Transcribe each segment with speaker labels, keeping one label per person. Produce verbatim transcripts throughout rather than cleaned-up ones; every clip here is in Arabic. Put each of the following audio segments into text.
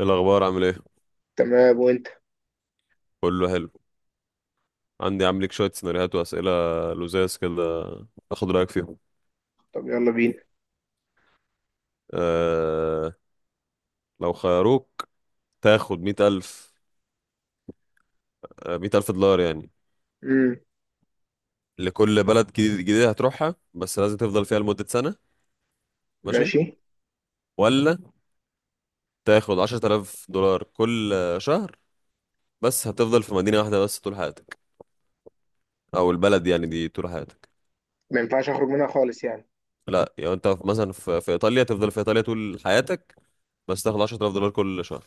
Speaker 1: إيه الأخبار عامل إيه؟
Speaker 2: تمام وانت.
Speaker 1: كله حلو. عندي عامل لك شوية سيناريوهات وأسئلة لزاز كده، آخد رأيك فيهم.
Speaker 2: طب يلا بينا.
Speaker 1: أه. لو خيروك تاخد مية ألف، آه، مية ألف دولار يعني
Speaker 2: امم.
Speaker 1: لكل بلد جديد- جديدة هتروحها، بس لازم تفضل فيها لمدة سنة. ماشي،
Speaker 2: ماشي.
Speaker 1: ولا تاخد عشرة آلاف دولار كل آه، شهر، بس هتفضل في مدينة واحدة بس طول حياتك، أو البلد يعني دي طول حياتك.
Speaker 2: ما ينفعش اخرج منها خالص يعني.
Speaker 1: لا يعني أنت في- مثلا في, في إيطاليا تفضل في إيطاليا طول حياتك، بس تاخد عشرة آلاف دولار كل شهر.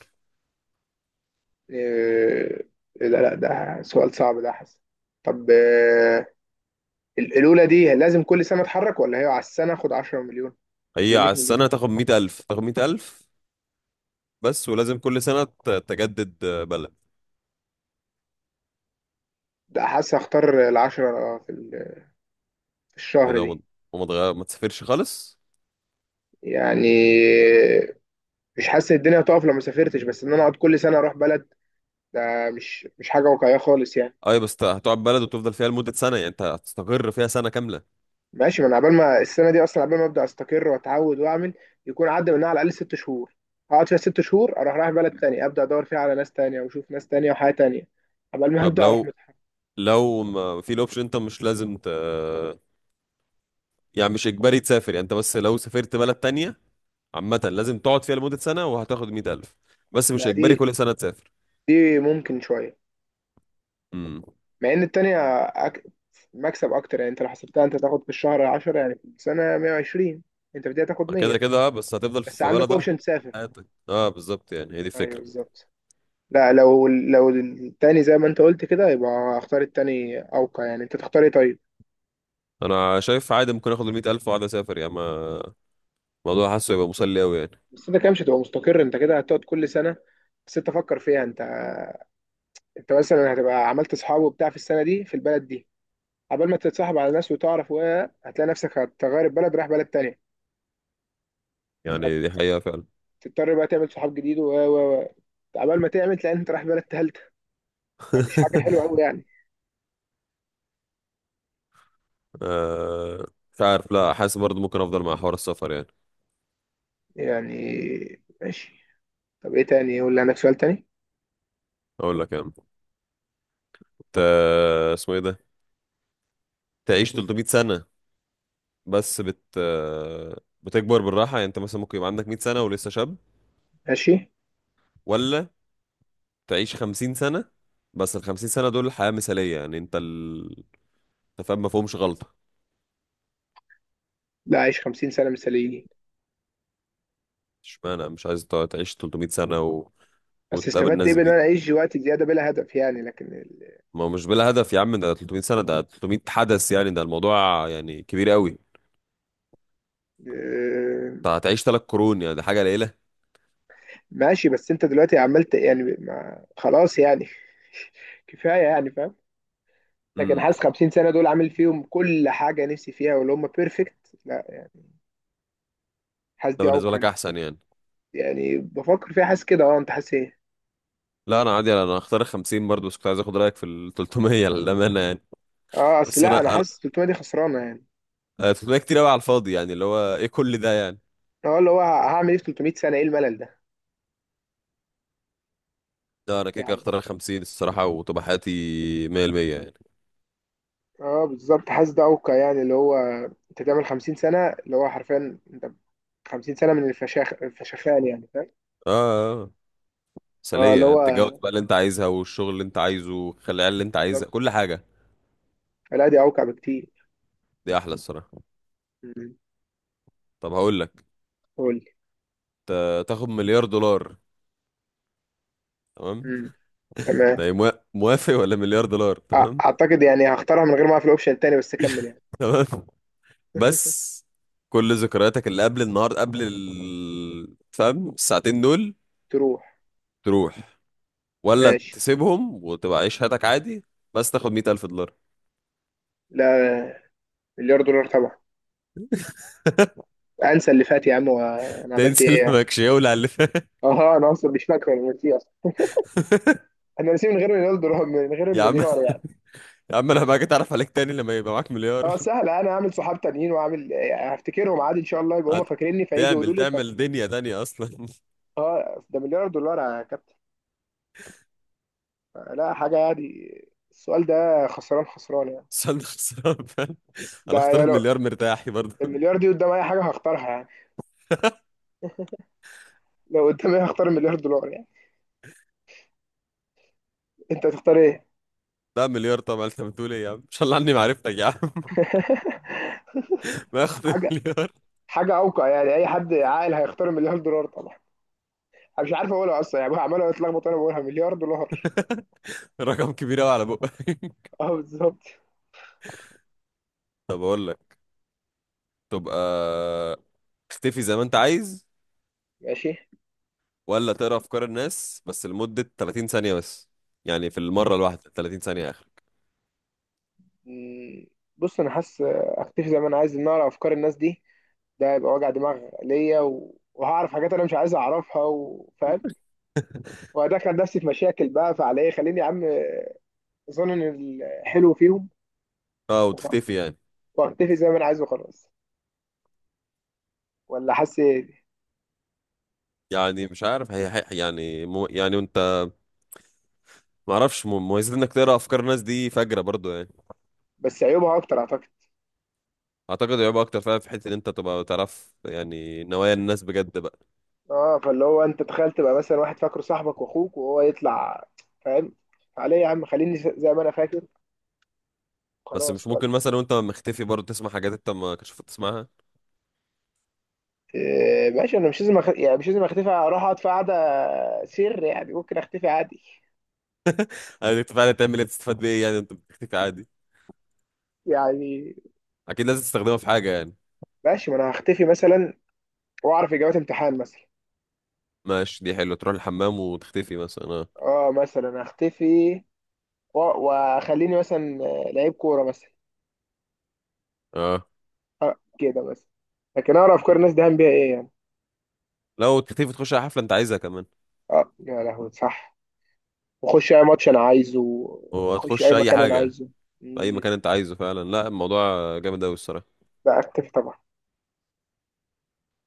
Speaker 2: إيه. لا لا، ده سؤال صعب ده حسن. طب، آه، ال- الاولى دي لازم كل سنه اتحرك ولا هي على السنه اخد 10 مليون
Speaker 1: هي
Speaker 2: ولا 100
Speaker 1: على
Speaker 2: مليون؟
Speaker 1: السنة تاخد مية ألف، تاخد مية ألف، بس ولازم كل سنة ت- تجدد بلد.
Speaker 2: ده حاسس اختار العشرة آه، في ال- في
Speaker 1: ايه
Speaker 2: الشهر
Speaker 1: ده؟ وما
Speaker 2: دي.
Speaker 1: وما تغير، ما تسافرش خالص.
Speaker 2: يعني مش حاسس الدنيا هتقف لو ما سافرتش، بس ان انا اقعد كل سنه اروح بلد، ده مش مش حاجه واقعيه خالص يعني.
Speaker 1: اي بس ت- هتقعد بلد وتفضل فيها لمدة سنة، يعني انت هتستقر فيها سنة كاملة.
Speaker 2: ماشي، ما انا عبال ما السنه دي اصلا، عبال ما ابدا استقر واتعود واعمل يكون عدى منها على الاقل ست شهور. اقعد فيها ست شهور اروح رايح بلد تانية ابدا ادور فيها على ناس تانية واشوف ناس تانية وحياه تانية عبال ما
Speaker 1: طب
Speaker 2: ابدا اروح
Speaker 1: لو
Speaker 2: متحف.
Speaker 1: لو ما في الاوبشن، انت مش لازم ت... يعني مش اجباري تسافر، يعني انت بس لو سافرت بلد تانية عامة لازم تقعد فيها لمدة سنة وهتاخد مية ألف، بس مش
Speaker 2: لا،
Speaker 1: اجباري
Speaker 2: دي
Speaker 1: كل سنة تسافر.
Speaker 2: دي ممكن شويه.
Speaker 1: امم.
Speaker 2: مع ان التانية أك... مكسب اكتر، يعني انت لو حسبتها انت تاخد في الشهر عشرة، يعني في السنه مية وعشرين، انت بدأت تاخد
Speaker 1: ما كده
Speaker 2: مية،
Speaker 1: كده اه، بس هتفضل
Speaker 2: بس
Speaker 1: في
Speaker 2: عندك
Speaker 1: بلد واحدة
Speaker 2: اوبشن تسافر.
Speaker 1: حياتك. اه، بالظبط، يعني هي دي
Speaker 2: ايوه
Speaker 1: الفكرة.
Speaker 2: بالظبط. لا، لو لو التاني زي ما انت قلت كده يبقى اختار التاني اوقع. يعني انت تختار ايه طيب؟
Speaker 1: انا شايف عادي ممكن اخد ال مية ألف واقعد اسافر، يعني ما- الموضوع حاسه يبقى مسلي قوي يعني.
Speaker 2: بس انت كده مش هتبقى مستقر، انت كده هتقعد كل سنه. بس انت فكر فيها، انت انت مثلا هتبقى عملت اصحاب وبتاع في السنه دي في البلد دي قبل ما تتصاحب على ناس وتعرف، و هتلاقي نفسك هتغير البلد رايح بلد تانية.
Speaker 1: يعني دي حقيقة فعلا.
Speaker 2: فتضطر بقى تعمل صحاب جديد و و و قبل ما تعمل تلاقي انت رايح بلد تالتة. فمش حاجه حلوه قوي يعني.
Speaker 1: آه، مش عارف، لا، حاسس برضه ممكن افضل مع حوار السفر يعني.
Speaker 2: يعني ماشي. طب ايه تاني؟ يقول لي عندك سؤال تاني.
Speaker 1: اقول لك يعني ت... اسمه ايه ده؟ تعيش ثلاثمية سنة، بس بت آه، بتكبر بالراحة، يعني انت مثلا ممكن يبقى عندك مية سنة ولسه شاب،
Speaker 2: ماشي.
Speaker 1: ولا تعيش خمسين سنة، بس ال خمسين سنة دول حياة مثالية، يعني انت ال... انت فاهم، ما فيهمش غلطة.
Speaker 2: لا، عيش خمسين سنة سنه مثاليين.
Speaker 1: اشمعنى مش عايز تقعد تعيش تلتمية سنة و...
Speaker 2: بس
Speaker 1: وتقابل
Speaker 2: استفدت ايه
Speaker 1: ناس
Speaker 2: بان
Speaker 1: جديد؟
Speaker 2: انا اعيش وقت زياده بلا هدف؟ يعني لكن ال...
Speaker 1: ما هو مش بلا هدف يا عم، ده تلتمية سنة، ده تلتمية حدث، يعني ده الموضوع يعني كبير قوي.
Speaker 2: آه،
Speaker 1: أنت هتعيش ثلاث قرون، يعني دي حاجة قليلة.
Speaker 2: ماشي. بس انت دلوقتي عملت يعني، ما خلاص يعني. كفايه يعني، فاهم؟ لكن
Speaker 1: امم.
Speaker 2: حاسس خمسين سنة سنه دول عامل فيهم كل حاجه نفسي فيها واللي هم بيرفكت. لا يعني، حاسس
Speaker 1: ده
Speaker 2: دي عوق
Speaker 1: بالنسبة لك
Speaker 2: عندي.
Speaker 1: أحسن يعني.
Speaker 2: يعني بفكر فيها حاسس كده، اه. انت حاسس ايه؟
Speaker 1: لا، أنا عادي، أنا هختار ال خمسين برضه، بس كنت عايز آخد رأيك في ال تلتمية للأمانة يعني.
Speaker 2: اه اصل
Speaker 1: بس
Speaker 2: لا، انا
Speaker 1: أنا أنا
Speaker 2: حاسس تلت مية دي خسرانه يعني.
Speaker 1: آه، تلتمية كتير أوي على الفاضي، يعني اللي هو إيه كل ده يعني.
Speaker 2: اه اللي هو هعمل ايه في تلت مية سنة سنه؟ ايه الملل ده؟
Speaker 1: لا، أنا كده كده
Speaker 2: يعني
Speaker 1: هختار ال خمسين الصراحة، وتبقى حياتي مية بالمية يعني.
Speaker 2: اه بالظبط، حاسس ده عوق يعني اللي هو انت تعمل خمسين سنة سنه، اللي هو حرفيا انت خمسين سنة سنه من الفشاخ الفشخان يعني، فاهم؟
Speaker 1: آه آه،
Speaker 2: اه اللي
Speaker 1: مثالية، أنت تتجوز
Speaker 2: هو
Speaker 1: بقى اللي أنت عايزها، والشغل اللي أنت عايزه، خلي العيال اللي أنت عايزها،
Speaker 2: بالظبط.
Speaker 1: كل حاجة.
Speaker 2: لا دي اوقع بكتير.
Speaker 1: دي أحلى الصراحة.
Speaker 2: مم.
Speaker 1: طب هقول لك،
Speaker 2: قول.
Speaker 1: ت- تاخد مليار دولار، تمام،
Speaker 2: مم.
Speaker 1: ده
Speaker 2: تمام.
Speaker 1: إيه، موا- موافق، ولا مليار دولار
Speaker 2: أ-
Speaker 1: تمام؟
Speaker 2: اعتقد يعني هختارها من غير ما اعرف الاوبشن التاني، بس اكمل يعني.
Speaker 1: تمام، بس كل ذكرياتك اللي قبل النهارده قبل ال... فاهم، الساعتين دول،
Speaker 2: تروح.
Speaker 1: تروح، ولا
Speaker 2: ماشي.
Speaker 1: تسيبهم وتبقى عيش حياتك عادي، بس تاخد مية ألف دولار.
Speaker 2: لا، مليار دولار طبعا. انسى اللي فات يا عم، وانا عملت
Speaker 1: تنسى
Speaker 2: ايه
Speaker 1: اللي
Speaker 2: يعني؟
Speaker 1: ماكش، يولع اللي فات.
Speaker 2: اه انا اصلا مش فاكر، انا نسيه اصلا. انا نسيه من غير مليار دولار، من غير
Speaker 1: يا عم،
Speaker 2: المليار يعني.
Speaker 1: يا عم، انا بقى اتعرف عليك تاني لما يبقى معاك مليار.
Speaker 2: اه سهل، انا هعمل صحاب تانيين واعمل يعني، هفتكرهم عادي ان شاء الله، يبقوا هم فاكريني فيجي يقولوا
Speaker 1: هتعمل
Speaker 2: لي
Speaker 1: تعمل
Speaker 2: فافتكر.
Speaker 1: دنيا تانية اصلا.
Speaker 2: اه ده مليار دولار يا كابتن، لا حاجه عادي. السؤال ده خسران خسران يعني.
Speaker 1: بس انا خسران، فاهم؟
Speaker 2: ده
Speaker 1: انا اختار
Speaker 2: يا لو
Speaker 1: المليار مرتاحي برضه.
Speaker 2: المليار دي قدام اي حاجه هختارها يعني، لو قدامي هختار المليار دولار يعني. انت هتختار ايه؟
Speaker 1: لا، مليار طبعا، انت بتقول ايه يا عم، ان شاء الله عني معرفتك يا عم. باخد
Speaker 2: حاجه
Speaker 1: المليار،
Speaker 2: حاجه اوقع يعني، اي حد عاقل هيختار مليار دولار طبعا. انا مش عارف اقولها اصلا يعني، عمال اتلخبط وانا بقولها مليار دولار.
Speaker 1: رقم كبير قوي على بقى.
Speaker 2: اه بالظبط.
Speaker 1: طب اقول لك، تبقى تختفي زي ما انت عايز،
Speaker 2: ماشي.
Speaker 1: ولا تقرا افكار الناس بس لمدة ثلاثين ثانية بس، يعني في المرة الواحدة ثلاثين ثانية اخرك.
Speaker 2: مم، بص انا حاسس اختفي زي ما انا عايز ان اقرا افكار الناس دي، ده هيبقى وجع دماغ ليا و... وهعرف حاجات انا مش عايز اعرفها، وفاهم وهدخل نفسي في مشاكل بقى، فعلى ايه خليني يا عم. اظن ان الحلو فيهم
Speaker 1: اه،
Speaker 2: وخلاص.
Speaker 1: وتختفي يعني.
Speaker 2: واختفي زي ما انا عايز وخلاص. ولا حاسس ايه؟
Speaker 1: يعني مش عارف، هي هي- يعني مو يعني انت، ما اعرفش مو- مميزات انك تقرا افكار الناس دي فجرة برضو يعني.
Speaker 2: بس عيوبها اكتر اعتقد.
Speaker 1: اعتقد هيبقى اكتر فعلا، في حتة ان انت تبقى تعرف يعني نوايا الناس بجد بقى.
Speaker 2: اه فاللي هو انت تخيل تبقى مثلا واحد فاكره صاحبك واخوك وهو يطلع، فاهم؟ فعليه يا عم خليني زي ما انا فاكر،
Speaker 1: بس مش
Speaker 2: خلاص وقت.
Speaker 1: ممكن مثلا وانت مختفي برضو تسمع حاجات انت ما كنتش المفروض تسمعها؟
Speaker 2: آه، ماشي، انا مش لازم أخ... يعني مش لازم اختفي اروح اقعد في قعده سر يعني، ممكن اختفي عادي.
Speaker 1: يعني انت فعلا تعمل ايه، تستفاد بايه يعني انت بتختفي عادي؟
Speaker 2: يعني
Speaker 1: اكيد لازم تستخدمها في حاجة يعني.
Speaker 2: ماشي، ما انا هختفي مثلا واعرف اجابات امتحان مثلا.
Speaker 1: ماشي، دي حلوة، تروح الحمام وتختفي مثلا. اه
Speaker 2: اه مثلا هختفي و- واخليني مثلا آه، لعيب كوره مثلا،
Speaker 1: اه،
Speaker 2: آه كده مثلا. لكن اعرف افكار الناس دهان بيها ايه يعني؟
Speaker 1: لو تختفي تخش على حفلة انت عايزها كمان،
Speaker 2: اه يا لهوي صح، واخش اي ماتش انا عايزه، اخش
Speaker 1: وهتخش
Speaker 2: اي
Speaker 1: اي
Speaker 2: مكان انا
Speaker 1: حاجة،
Speaker 2: عايزه.
Speaker 1: في اي
Speaker 2: مم.
Speaker 1: مكان انت عايزه فعلا. لا، الموضوع جامد اوي الصراحة.
Speaker 2: لا اختفي طبعا،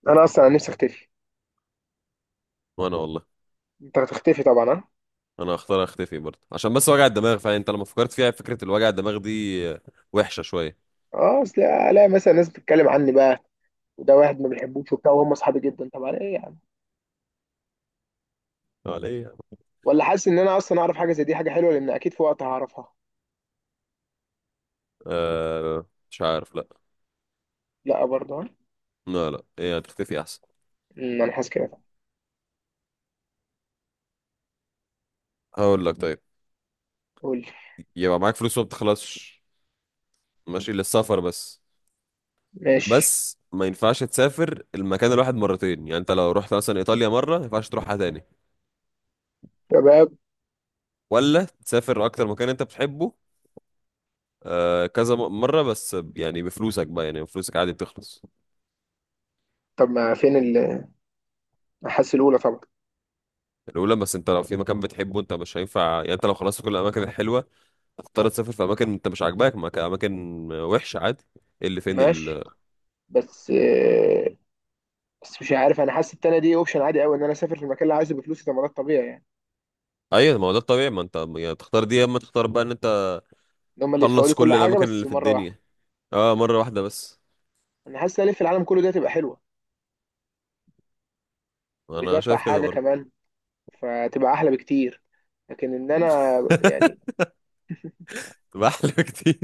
Speaker 2: انا اصلا نفسي اختفي.
Speaker 1: وانا والله،
Speaker 2: انت هتختفي طبعا، ها؟
Speaker 1: انا هختار اختفي برضه، عشان بس وجع الدماغ فعلا، انت لما فكرت فيها فكرة الوجع الدماغ دي آه، وحشة شوية.
Speaker 2: اه اصل الاقي مثلا ناس بتتكلم عني بقى، وده واحد ما بيحبوش وبتاع وهم اصحابي جدا، طب على ايه يعني؟
Speaker 1: اه، ليه يا عم؟
Speaker 2: ولا حاسس ان انا اصلا اعرف حاجه زي دي حاجه حلوه، لان اكيد في وقت هعرفها.
Speaker 1: آه، مش عارف. لا،
Speaker 2: لا برضه ها؟
Speaker 1: لا، لا، ايه، هتختفي احسن.
Speaker 2: مم، انا حاسس كده.
Speaker 1: هقول لك طيب،
Speaker 2: قول لي.
Speaker 1: يبقى معاك فلوس وما بتخلصش، ماشي للسفر بس،
Speaker 2: ماشي
Speaker 1: بس ما ينفعش تسافر المكان الواحد مرتين، يعني انت لو رحت مثلا ايطاليا مرة ما ينفعش تروحها تاني.
Speaker 2: شباب.
Speaker 1: ولا تسافر اكتر مكان انت بتحبه، آه كذا م- مرة بس، يعني بفلوسك بقى، يعني فلوسك عادي بتخلص.
Speaker 2: طب ما فين ال- حاسس الاولى طبعا.
Speaker 1: الأولى، بس انت لو في مكان بتحبه انت مش هينفع، يعني انت لو خلصت كل الأماكن الحلوة هتضطر تسافر في أماكن انت مش عاجباك، مك- أماكن وحشة عادي. ايه اللي فين
Speaker 2: ماشي،
Speaker 1: ال؟
Speaker 2: بس آه، بس مش عارف، انا حاسس التانية دي اوبشن عادي قوي ان انا اسافر في المكان اللي عايزه بفلوسي ده مرات طبيعي يعني.
Speaker 1: أيوة، ما هو ده الطبيعي، ما انت يعني تختار دي، يا اما تختار بقى ان انت
Speaker 2: ان هم اللي يدفعوا
Speaker 1: تخلص
Speaker 2: لي كل
Speaker 1: كل
Speaker 2: حاجه
Speaker 1: الأماكن
Speaker 2: بس
Speaker 1: اللي في
Speaker 2: مره واحده.
Speaker 1: الدنيا اه، مرة واحدة بس.
Speaker 2: انا حاسس ان الف العالم كله دي هتبقى حلوه ومش
Speaker 1: أنا
Speaker 2: بدفع
Speaker 1: شايف كده
Speaker 2: حاجه
Speaker 1: برضه.
Speaker 2: كمان، فتبقى احلى بكتير. لكن ان انا يعني
Speaker 1: تبقى أحلى كتير.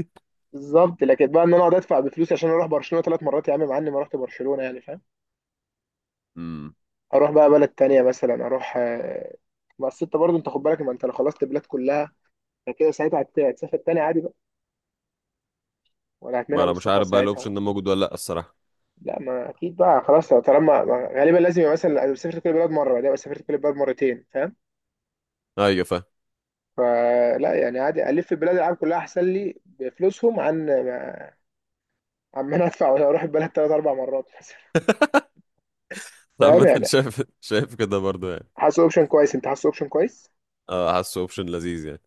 Speaker 2: بالظبط. لكن بقى ان انا اقعد ادفع بفلوس عشان اروح برشلونه ثلاث مرات يا عم، مع اني ما رحت برشلونه يعني، فاهم؟
Speaker 1: امم.
Speaker 2: اروح بقى بلد تانية مثلا اروح آه، بس انت برضه انت خد بالك، ما انت لو خلصت البلاد كلها فكده ساعتها هت- هتسافر تاني عادي بقى، ولا
Speaker 1: ما
Speaker 2: هتمنع من
Speaker 1: أنا مش
Speaker 2: السفر
Speaker 1: عارف بقى الأوبشن
Speaker 2: ساعتها؟
Speaker 1: ده موجود ولا لأ الصراحة.
Speaker 2: لا، ما اكيد بقى خلاص، طالما ما- غالبا لازم يبقى مثلا أنا سافرت كل البلاد مره، بعدين أبقى سافرت كل البلاد مرتين، فاهم؟
Speaker 1: أيوة فاهم.
Speaker 2: فلا يعني عادي الف بلاد العالم كلها احسن لي بفلوسهم، عن عن ما انا ادفع ولا اروح البلد ثلاث اربع مرات مثلا، فاهم
Speaker 1: عامة
Speaker 2: يعني؟
Speaker 1: شايف، شايف كده برضه يعني.
Speaker 2: حاسس اوبشن كويس. انت حاسس اوبشن كويس.
Speaker 1: اه، حاسه اوبشن لذيذ يعني.